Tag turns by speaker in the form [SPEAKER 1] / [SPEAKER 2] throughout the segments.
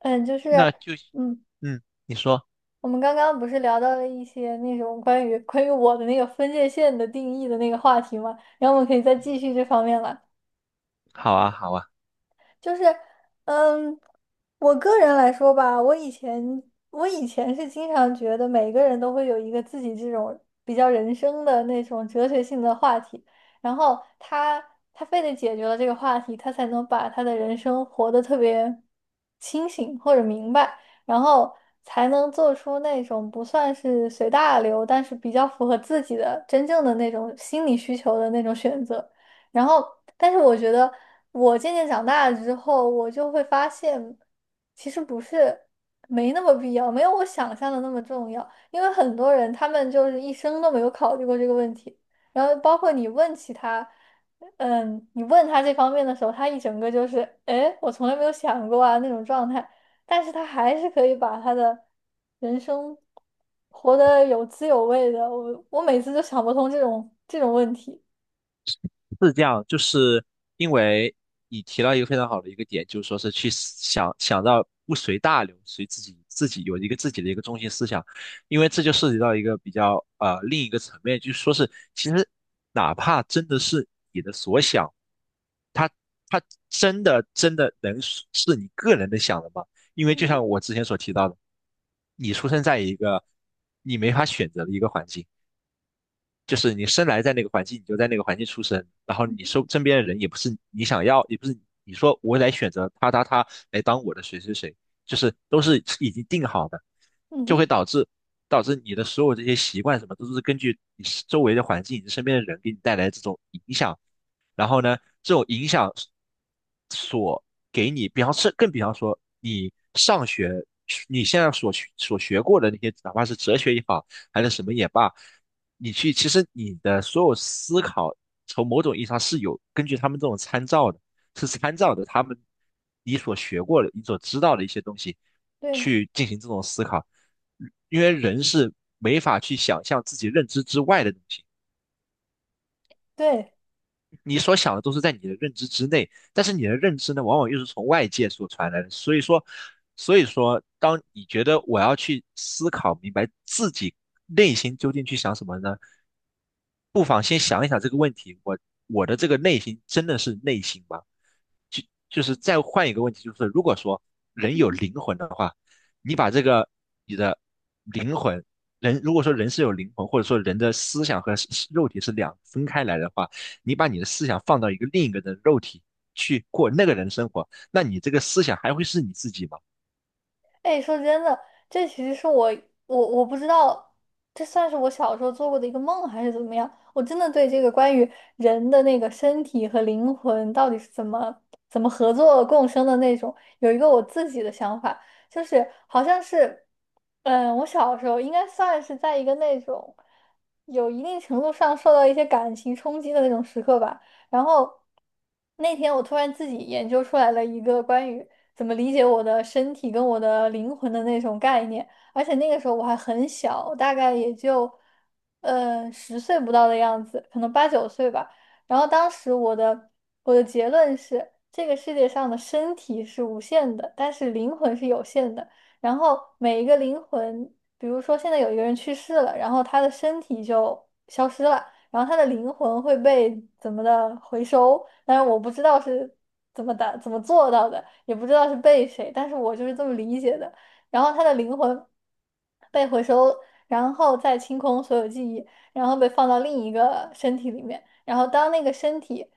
[SPEAKER 1] 嗯，就是，
[SPEAKER 2] 那就。
[SPEAKER 1] 嗯，
[SPEAKER 2] 嗯，你说。
[SPEAKER 1] 我们刚刚不是聊到了一些那种关于我的那个分界线的定义的那个话题嘛，然后我们可以再
[SPEAKER 2] 嗯，
[SPEAKER 1] 继续这方面了。
[SPEAKER 2] 好啊，好啊。
[SPEAKER 1] 就是，嗯，我个人来说吧，我以前是经常觉得每个人都会有一个自己这种比较人生的那种哲学性的话题，然后他非得解决了这个话题，他才能把他的人生活得特别清醒或者明白，然后才能做出那种不算是随大流，但是比较符合自己的真正的那种心理需求的那种选择。然后，但是我觉得我渐渐长大了之后，我就会发现，其实不是没那么必要，没有我想象的那么重要。因为很多人他们就是一生都没有考虑过这个问题，然后包括你问起他，你问他这方面的时候，他一整个就是，诶，我从来没有想过啊那种状态，但是他还是可以把他的人生活得有滋有味的。我每次就想不通这种问题。
[SPEAKER 2] 是这样，就是因为你提到一个非常好的一个点，就是说是去想到不随大流，随自己有一个自己的一个中心思想，因为这就涉及到一个比较另一个层面，就是说是其实哪怕真的是你的所想，它它真的真的能是你个人的想的吗？因为
[SPEAKER 1] 嗯
[SPEAKER 2] 就
[SPEAKER 1] 哼。
[SPEAKER 2] 像我之前所提到的，你出生在一个你没法选择的一个环境。就是你生来在那个环境，你就在那个环境出生，然后你身边的人也不是你想要，也不是你说我来选择他来当我的谁谁谁，就是都是已经定好的，
[SPEAKER 1] 嗯
[SPEAKER 2] 就
[SPEAKER 1] 哼，
[SPEAKER 2] 会导致你的所有这些习惯什么都是根据你周围的环境、你身边的人给你带来这种影响，然后呢，这种影响给你，比方说你上学，你现在所学过的那些，哪怕是哲学也好，还是什么也罢，其实你的所有思考，从某种意义上是有根据他们这种参照的，是参照的他们你所学过的、你所知道的一些东西
[SPEAKER 1] 对
[SPEAKER 2] 去进行这种思考，因为人是没法去想象自己认知之外的东西。
[SPEAKER 1] 对，
[SPEAKER 2] 你所想的都是在你的认知之内，但是你的认知呢，往往又是从外界所传来的。所以说，当你觉得我要去思考明白自己内心究竟去想什么呢，不妨先想一想这个问题：我的这个内心真的是内心吗？就就是再换一个问题，就是如果说人有
[SPEAKER 1] 嗯，
[SPEAKER 2] 灵魂的话，你把这个你的灵魂。人如果说人是有灵魂，或者说人的思想和是肉体是两分开来的话，你把你的思想放到另一个人的肉体去过那个人生活，那你这个思想还会是你自己吗？
[SPEAKER 1] 哎，说真的，这其实是我,我不知道，这算是我小时候做过的一个梦还是怎么样？我真的对这个关于人的那个身体和灵魂到底是怎么合作共生的那种，有一个我自己的想法，就是好像是，嗯，我小时候应该算是在一个那种有一定程度上受到一些感情冲击的那种时刻吧。然后那天我突然自己研究出来了一个关于怎么理解我的身体跟我的灵魂的那种概念。而且那个时候我还很小，大概也就十岁不到的样子，可能八九岁吧。然后当时我的结论是，这个世界上的身体是无限的，但是灵魂是有限的。然后每一个灵魂，比如说现在有一个人去世了，然后他的身体就消失了。然后他的灵魂会被怎么的回收，但是我不知道是怎么的怎么做到的，也不知道是被谁，但是我就是这么理解的。然后他的灵魂被回收，然后再清空所有记忆，然后被放到另一个身体里面，然后当那个身体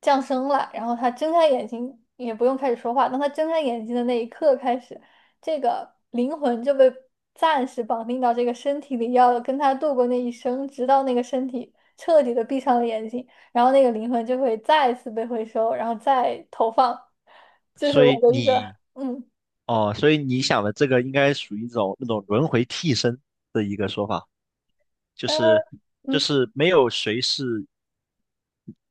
[SPEAKER 1] 降生了，然后他睁开眼睛，也不用开始说话，当他睁开眼睛的那一刻开始，这个灵魂就被暂时绑定到这个身体里，要跟他度过那一生，直到那个身体彻底的闭上了眼睛，然后那个灵魂就会再次被回收，然后再投放。这是
[SPEAKER 2] 所
[SPEAKER 1] 我
[SPEAKER 2] 以
[SPEAKER 1] 的一个，
[SPEAKER 2] 你
[SPEAKER 1] 嗯
[SPEAKER 2] 哦，所以你想的这个应该属于一种那种轮回替身的一个说法，就是
[SPEAKER 1] 嗯，
[SPEAKER 2] 没有谁是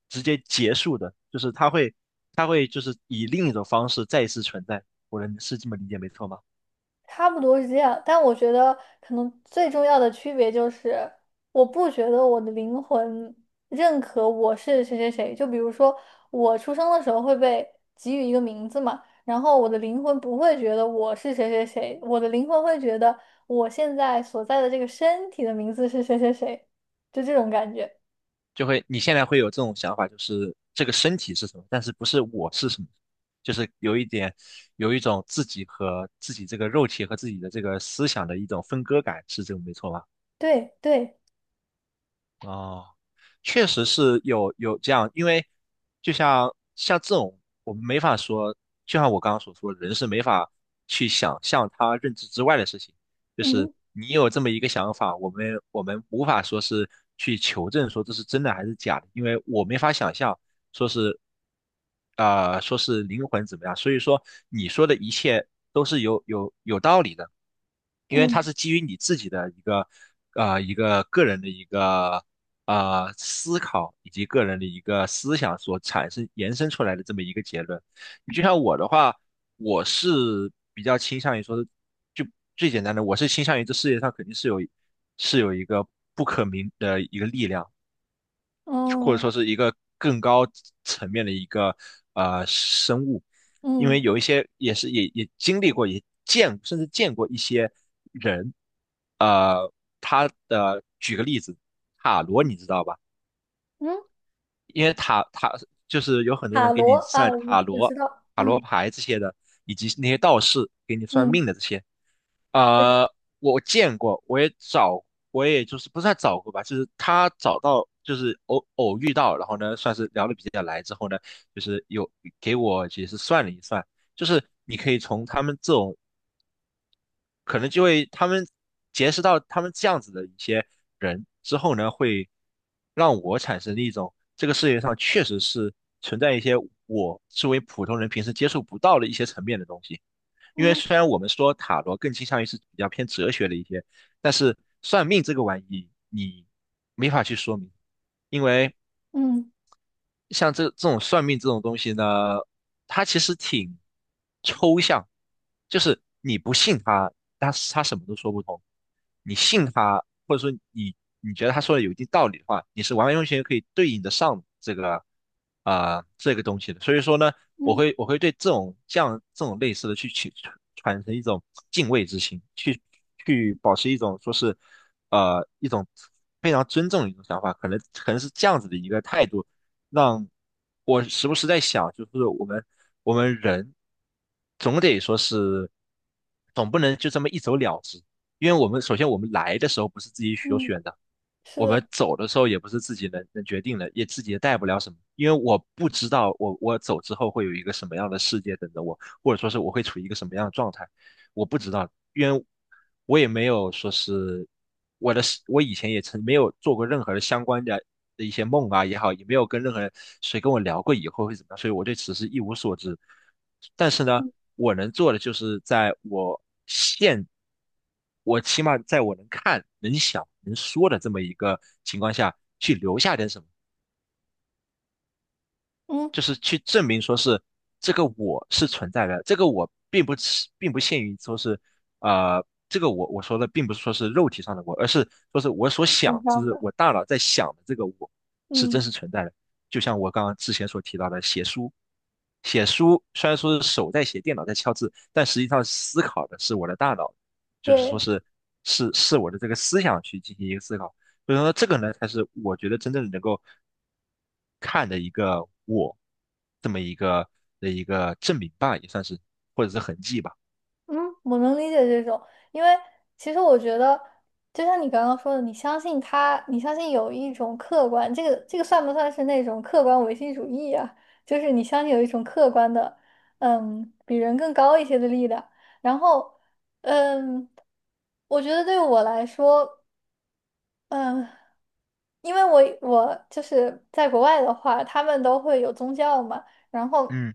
[SPEAKER 2] 直接结束的，就是他会就是以另一种方式再一次存在。我能是这么理解没错吗？
[SPEAKER 1] 差不多是这样。但我觉得可能最重要的区别就是，我不觉得我的灵魂认可我是谁谁谁。就比如说，我出生的时候会被给予一个名字嘛，然后我的灵魂不会觉得我是谁谁谁，我的灵魂会觉得我现在所在的这个身体的名字是谁谁谁，就这种感觉。
[SPEAKER 2] 你现在会有这种想法，就是这个身体是什么，但是不是我是什么，就是有一种自己和自己这个肉体和自己的这个思想的一种分割感，是这个没错吧？
[SPEAKER 1] 对对，
[SPEAKER 2] 哦，确实是有这样，因为就像这种，我们没法说，就像我刚刚所说，人是没法去想象他认知之外的事情。就是
[SPEAKER 1] 嗯
[SPEAKER 2] 你有这么一个想法，我们无法说是去求证说这是真的还是假的，因为我没法想象说是说是灵魂怎么样。所以说你说的一切都是有道理的。因为它
[SPEAKER 1] 嗯，
[SPEAKER 2] 是基于你自己的一个个人的一个思考以及个人的一个思想所产生延伸出来的这么一个结论。你就像我的话，我是比较倾向于说，就最简单的，我是倾向于这世界上肯定是有一个不可名的一个力量，或者说
[SPEAKER 1] 哦，
[SPEAKER 2] 是一个更高层面的一个生物，因为
[SPEAKER 1] 嗯
[SPEAKER 2] 有一些也经历过，甚至见过一些人，呃，举个例子，塔罗你知道吧？
[SPEAKER 1] 嗯，
[SPEAKER 2] 因为就是有很多
[SPEAKER 1] 塔
[SPEAKER 2] 人给
[SPEAKER 1] 罗
[SPEAKER 2] 你
[SPEAKER 1] 啊，
[SPEAKER 2] 算
[SPEAKER 1] 我
[SPEAKER 2] 塔
[SPEAKER 1] 我
[SPEAKER 2] 罗、
[SPEAKER 1] 知道，
[SPEAKER 2] 塔罗
[SPEAKER 1] 嗯
[SPEAKER 2] 牌这些的，以及那些道士给你算
[SPEAKER 1] 嗯，
[SPEAKER 2] 命的这些，
[SPEAKER 1] 对，
[SPEAKER 2] 呃，我见过，我也就是不算找过吧，就是他找到，就是偶遇到，然后呢，算是聊得比较来之后呢，就是有给我也是算了一算，就是你可以从他们这种可能就会他们结识到他们这样子的一些人之后呢，会让我产生一种这个世界上确实是存在一些我作为普通人平时接触不到的一些层面的东西。因为
[SPEAKER 1] 嗯
[SPEAKER 2] 虽然我们说塔罗更倾向于是比较偏哲学的一些，但是算命这个玩意你没法去说明，因为
[SPEAKER 1] 嗯
[SPEAKER 2] 像这种算命这种东西呢，它其实挺抽象，就是你不信它，它什么都说不通；你信它，或者说你觉得他说的有一定道理的话，你是完完全全可以对应得上这个东西的。所以说呢，我
[SPEAKER 1] 嗯
[SPEAKER 2] 会我会对这种类似的去产生一种敬畏之心，去保持一种说是一种非常尊重的一种想法，可能是这样子的一个态度。让我时不时在想，就是我们人总得说是，总不能就这么一走了之，因为首先我们来的时候不是自己所
[SPEAKER 1] 嗯，
[SPEAKER 2] 选的，
[SPEAKER 1] 是
[SPEAKER 2] 我们
[SPEAKER 1] 的，
[SPEAKER 2] 走的时候也不是自己能决定的，也自己也带不了什么，因为我不知道我走之后会有一个什么样的世界等着我，或者说是我会处于一个什么样的状态。我不知道，因为我也没有说是我的，我以前也曾没有做过任何的相关的一些梦啊也好，也没有跟任何人谁跟我聊过以后会怎么样，所以我对此事一无所知。但是呢，我能做的就是在我现，我起码在我能看、能想、能说的这么一个情况下去留下点什么。
[SPEAKER 1] 嗯，
[SPEAKER 2] 就是去证明说是这个我是存在的，这个我并不限于说是这个我说的并不是说是肉体上的我，而是说是我所想，
[SPEAKER 1] 挺
[SPEAKER 2] 就是
[SPEAKER 1] 像的，
[SPEAKER 2] 我大脑在想的这个我是真
[SPEAKER 1] 嗯，
[SPEAKER 2] 实存在的。就像我刚刚之前所提到的写书，写书虽然说是手在写，电脑在敲字，但实际上思考的是我的大脑，就是说
[SPEAKER 1] 对。
[SPEAKER 2] 是是我的这个思想去进行一个思考。所以说这个呢，才是我觉得真正能够看的一个我这么一个的一个证明吧，也算是或者是痕迹吧。
[SPEAKER 1] 嗯，我能理解这种，因为其实我觉得，就像你刚刚说的，你相信他，你相信有一种客观，这个算不算是那种客观唯心主义啊？就是你相信有一种客观的，嗯，比人更高一些的力量。然后，嗯，我觉得对我来说。嗯，因为我就是在国外的话，他们都会有宗教嘛。然后
[SPEAKER 2] 嗯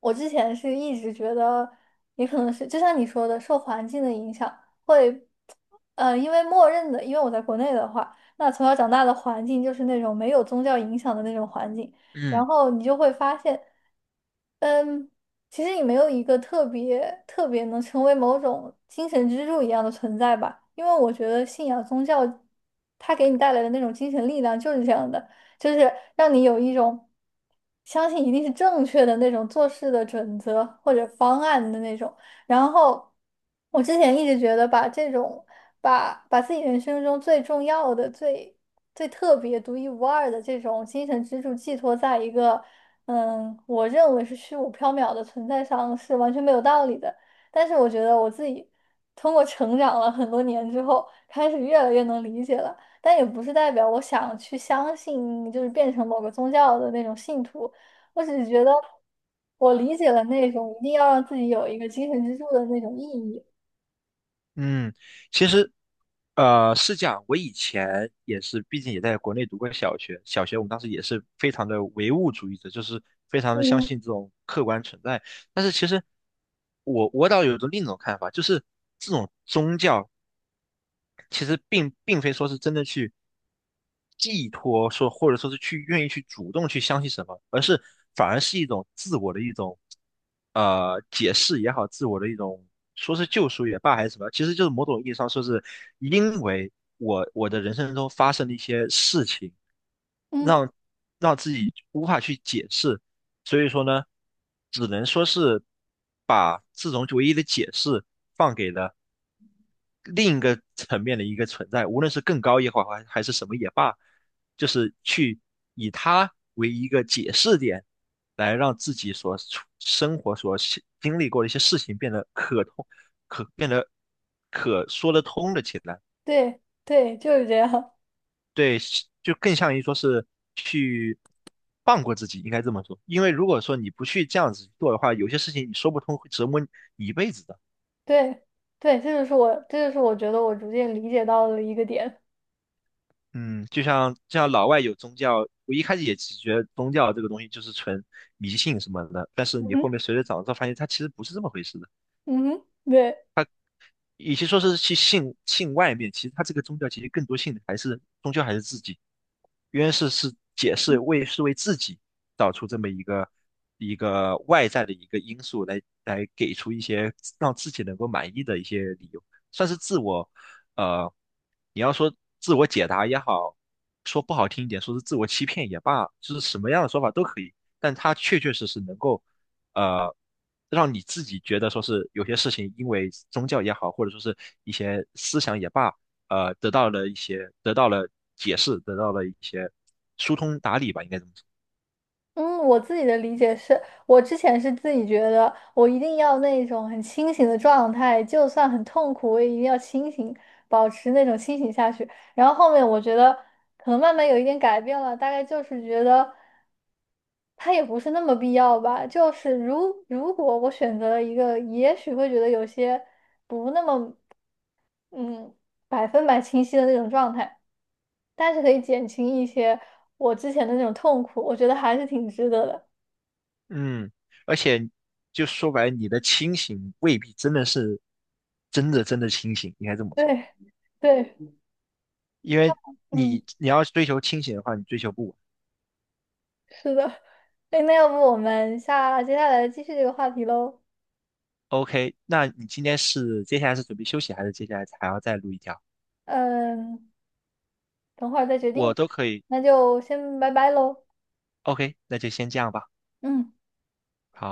[SPEAKER 1] 我之前是一直觉得，也可能是就像你说的，受环境的影响会，因为默认的，因为我在国内的话，那从小长大的环境就是那种没有宗教影响的那种环境，
[SPEAKER 2] 嗯
[SPEAKER 1] 然后你就会发现。嗯，其实你没有一个特别特别能成为某种精神支柱一样的存在吧，因为我觉得信仰宗教，它给你带来的那种精神力量就是这样的，就是让你有一种相信一定是正确的那种做事的准则或者方案的那种。然后我之前一直觉得把这种把自己人生中最重要的最特别、独一无二的这种精神支柱寄托在一个我认为是虚无缥缈的存在上是完全没有道理的。但是我觉得我自己通过成长了很多年之后，开始越来越能理解了。但也不是代表我想去相信，就是变成某个宗教的那种信徒。我只是觉得我理解了那种一定要让自己有一个精神支柱的那种意义。
[SPEAKER 2] 嗯，其实是这样，我以前也是，毕竟也在国内读过小学，小学我们当时也是非常的唯物主义者，就是非常的相
[SPEAKER 1] 嗯
[SPEAKER 2] 信这种客观存在。但是其实我倒有一种另一种看法，就是这种宗教其实并非说是真的去寄托说，或者说是去愿意去主动去相信什么，反而是一种自我的一种解释也好，自我的一种说是救赎也罢，还是什么，其实就是某种意义上说是因为我的人生中发生的一些事情，
[SPEAKER 1] 嗯，
[SPEAKER 2] 让让自己无法去解释，所以说呢，只能说是把这种唯一的解释放给了另一个层面的一个存在，无论是更高也好，还是什么也罢，就是去以它为一个解释点，来让自己所处生活所经历过的一些事情变得可通、可变得可说得通了起来。
[SPEAKER 1] 对对，就是这样。
[SPEAKER 2] 对，是就更像于说是去放过自己，应该这么说。因为如果说你不去这样子做的话，有些事情你说不通，会折磨你一辈子。
[SPEAKER 1] 对对，这就是我，这就是我觉得我逐渐理解到的一个点。
[SPEAKER 2] 嗯，就像老外有宗教，我一开始也只觉得宗教这个东西就是纯迷信什么的，但是
[SPEAKER 1] 嗯
[SPEAKER 2] 你
[SPEAKER 1] 哼，
[SPEAKER 2] 后面随着长大发现，它其实不是这么回事的。
[SPEAKER 1] 嗯哼，对。
[SPEAKER 2] 与其说是去信外面，其实他这个宗教其实更多信的还是终究还是自己。约是解释为是为自己找出这么一个外在的一个因素来给出一些让自己能够满意的一些理由，算是自我呃，你要说自我解答也好，说不好听一点，说是自我欺骗也罢，就是什么样的说法都可以，但他确确实实能够呃，让你自己觉得说是有些事情，因为宗教也好，或者说是一些思想也罢，得到了解释，得到了一些疏通打理吧，应该这么说。
[SPEAKER 1] 嗯，我自己的理解是，我之前是自己觉得我一定要那种很清醒的状态，就算很痛苦，我也一定要清醒，保持那种清醒下去。然后后面我觉得可能慢慢有一点改变了，大概就是觉得它也不是那么必要吧。就是如果我选择了一个，也许会觉得有些不那么嗯百分百清晰的那种状态，但是可以减轻一些我之前的那种痛苦，我觉得还是挺值得的。
[SPEAKER 2] 嗯，而且就说白了，你的清醒未必真的是真的真的清醒，应该这么说，
[SPEAKER 1] 对对。
[SPEAKER 2] 因为
[SPEAKER 1] 嗯，
[SPEAKER 2] 你要追求清醒的话，你追求不稳。
[SPEAKER 1] 是的。哎，那要不我们下接下来继续这个话题喽？
[SPEAKER 2] OK，那你今天接下来是准备休息，还是接下来还要再录一条？
[SPEAKER 1] 嗯，等会儿再决定
[SPEAKER 2] 我
[SPEAKER 1] 吧。
[SPEAKER 2] 都可以。
[SPEAKER 1] 那就先拜拜喽。
[SPEAKER 2] OK，那就先这样吧。
[SPEAKER 1] 嗯。
[SPEAKER 2] 好。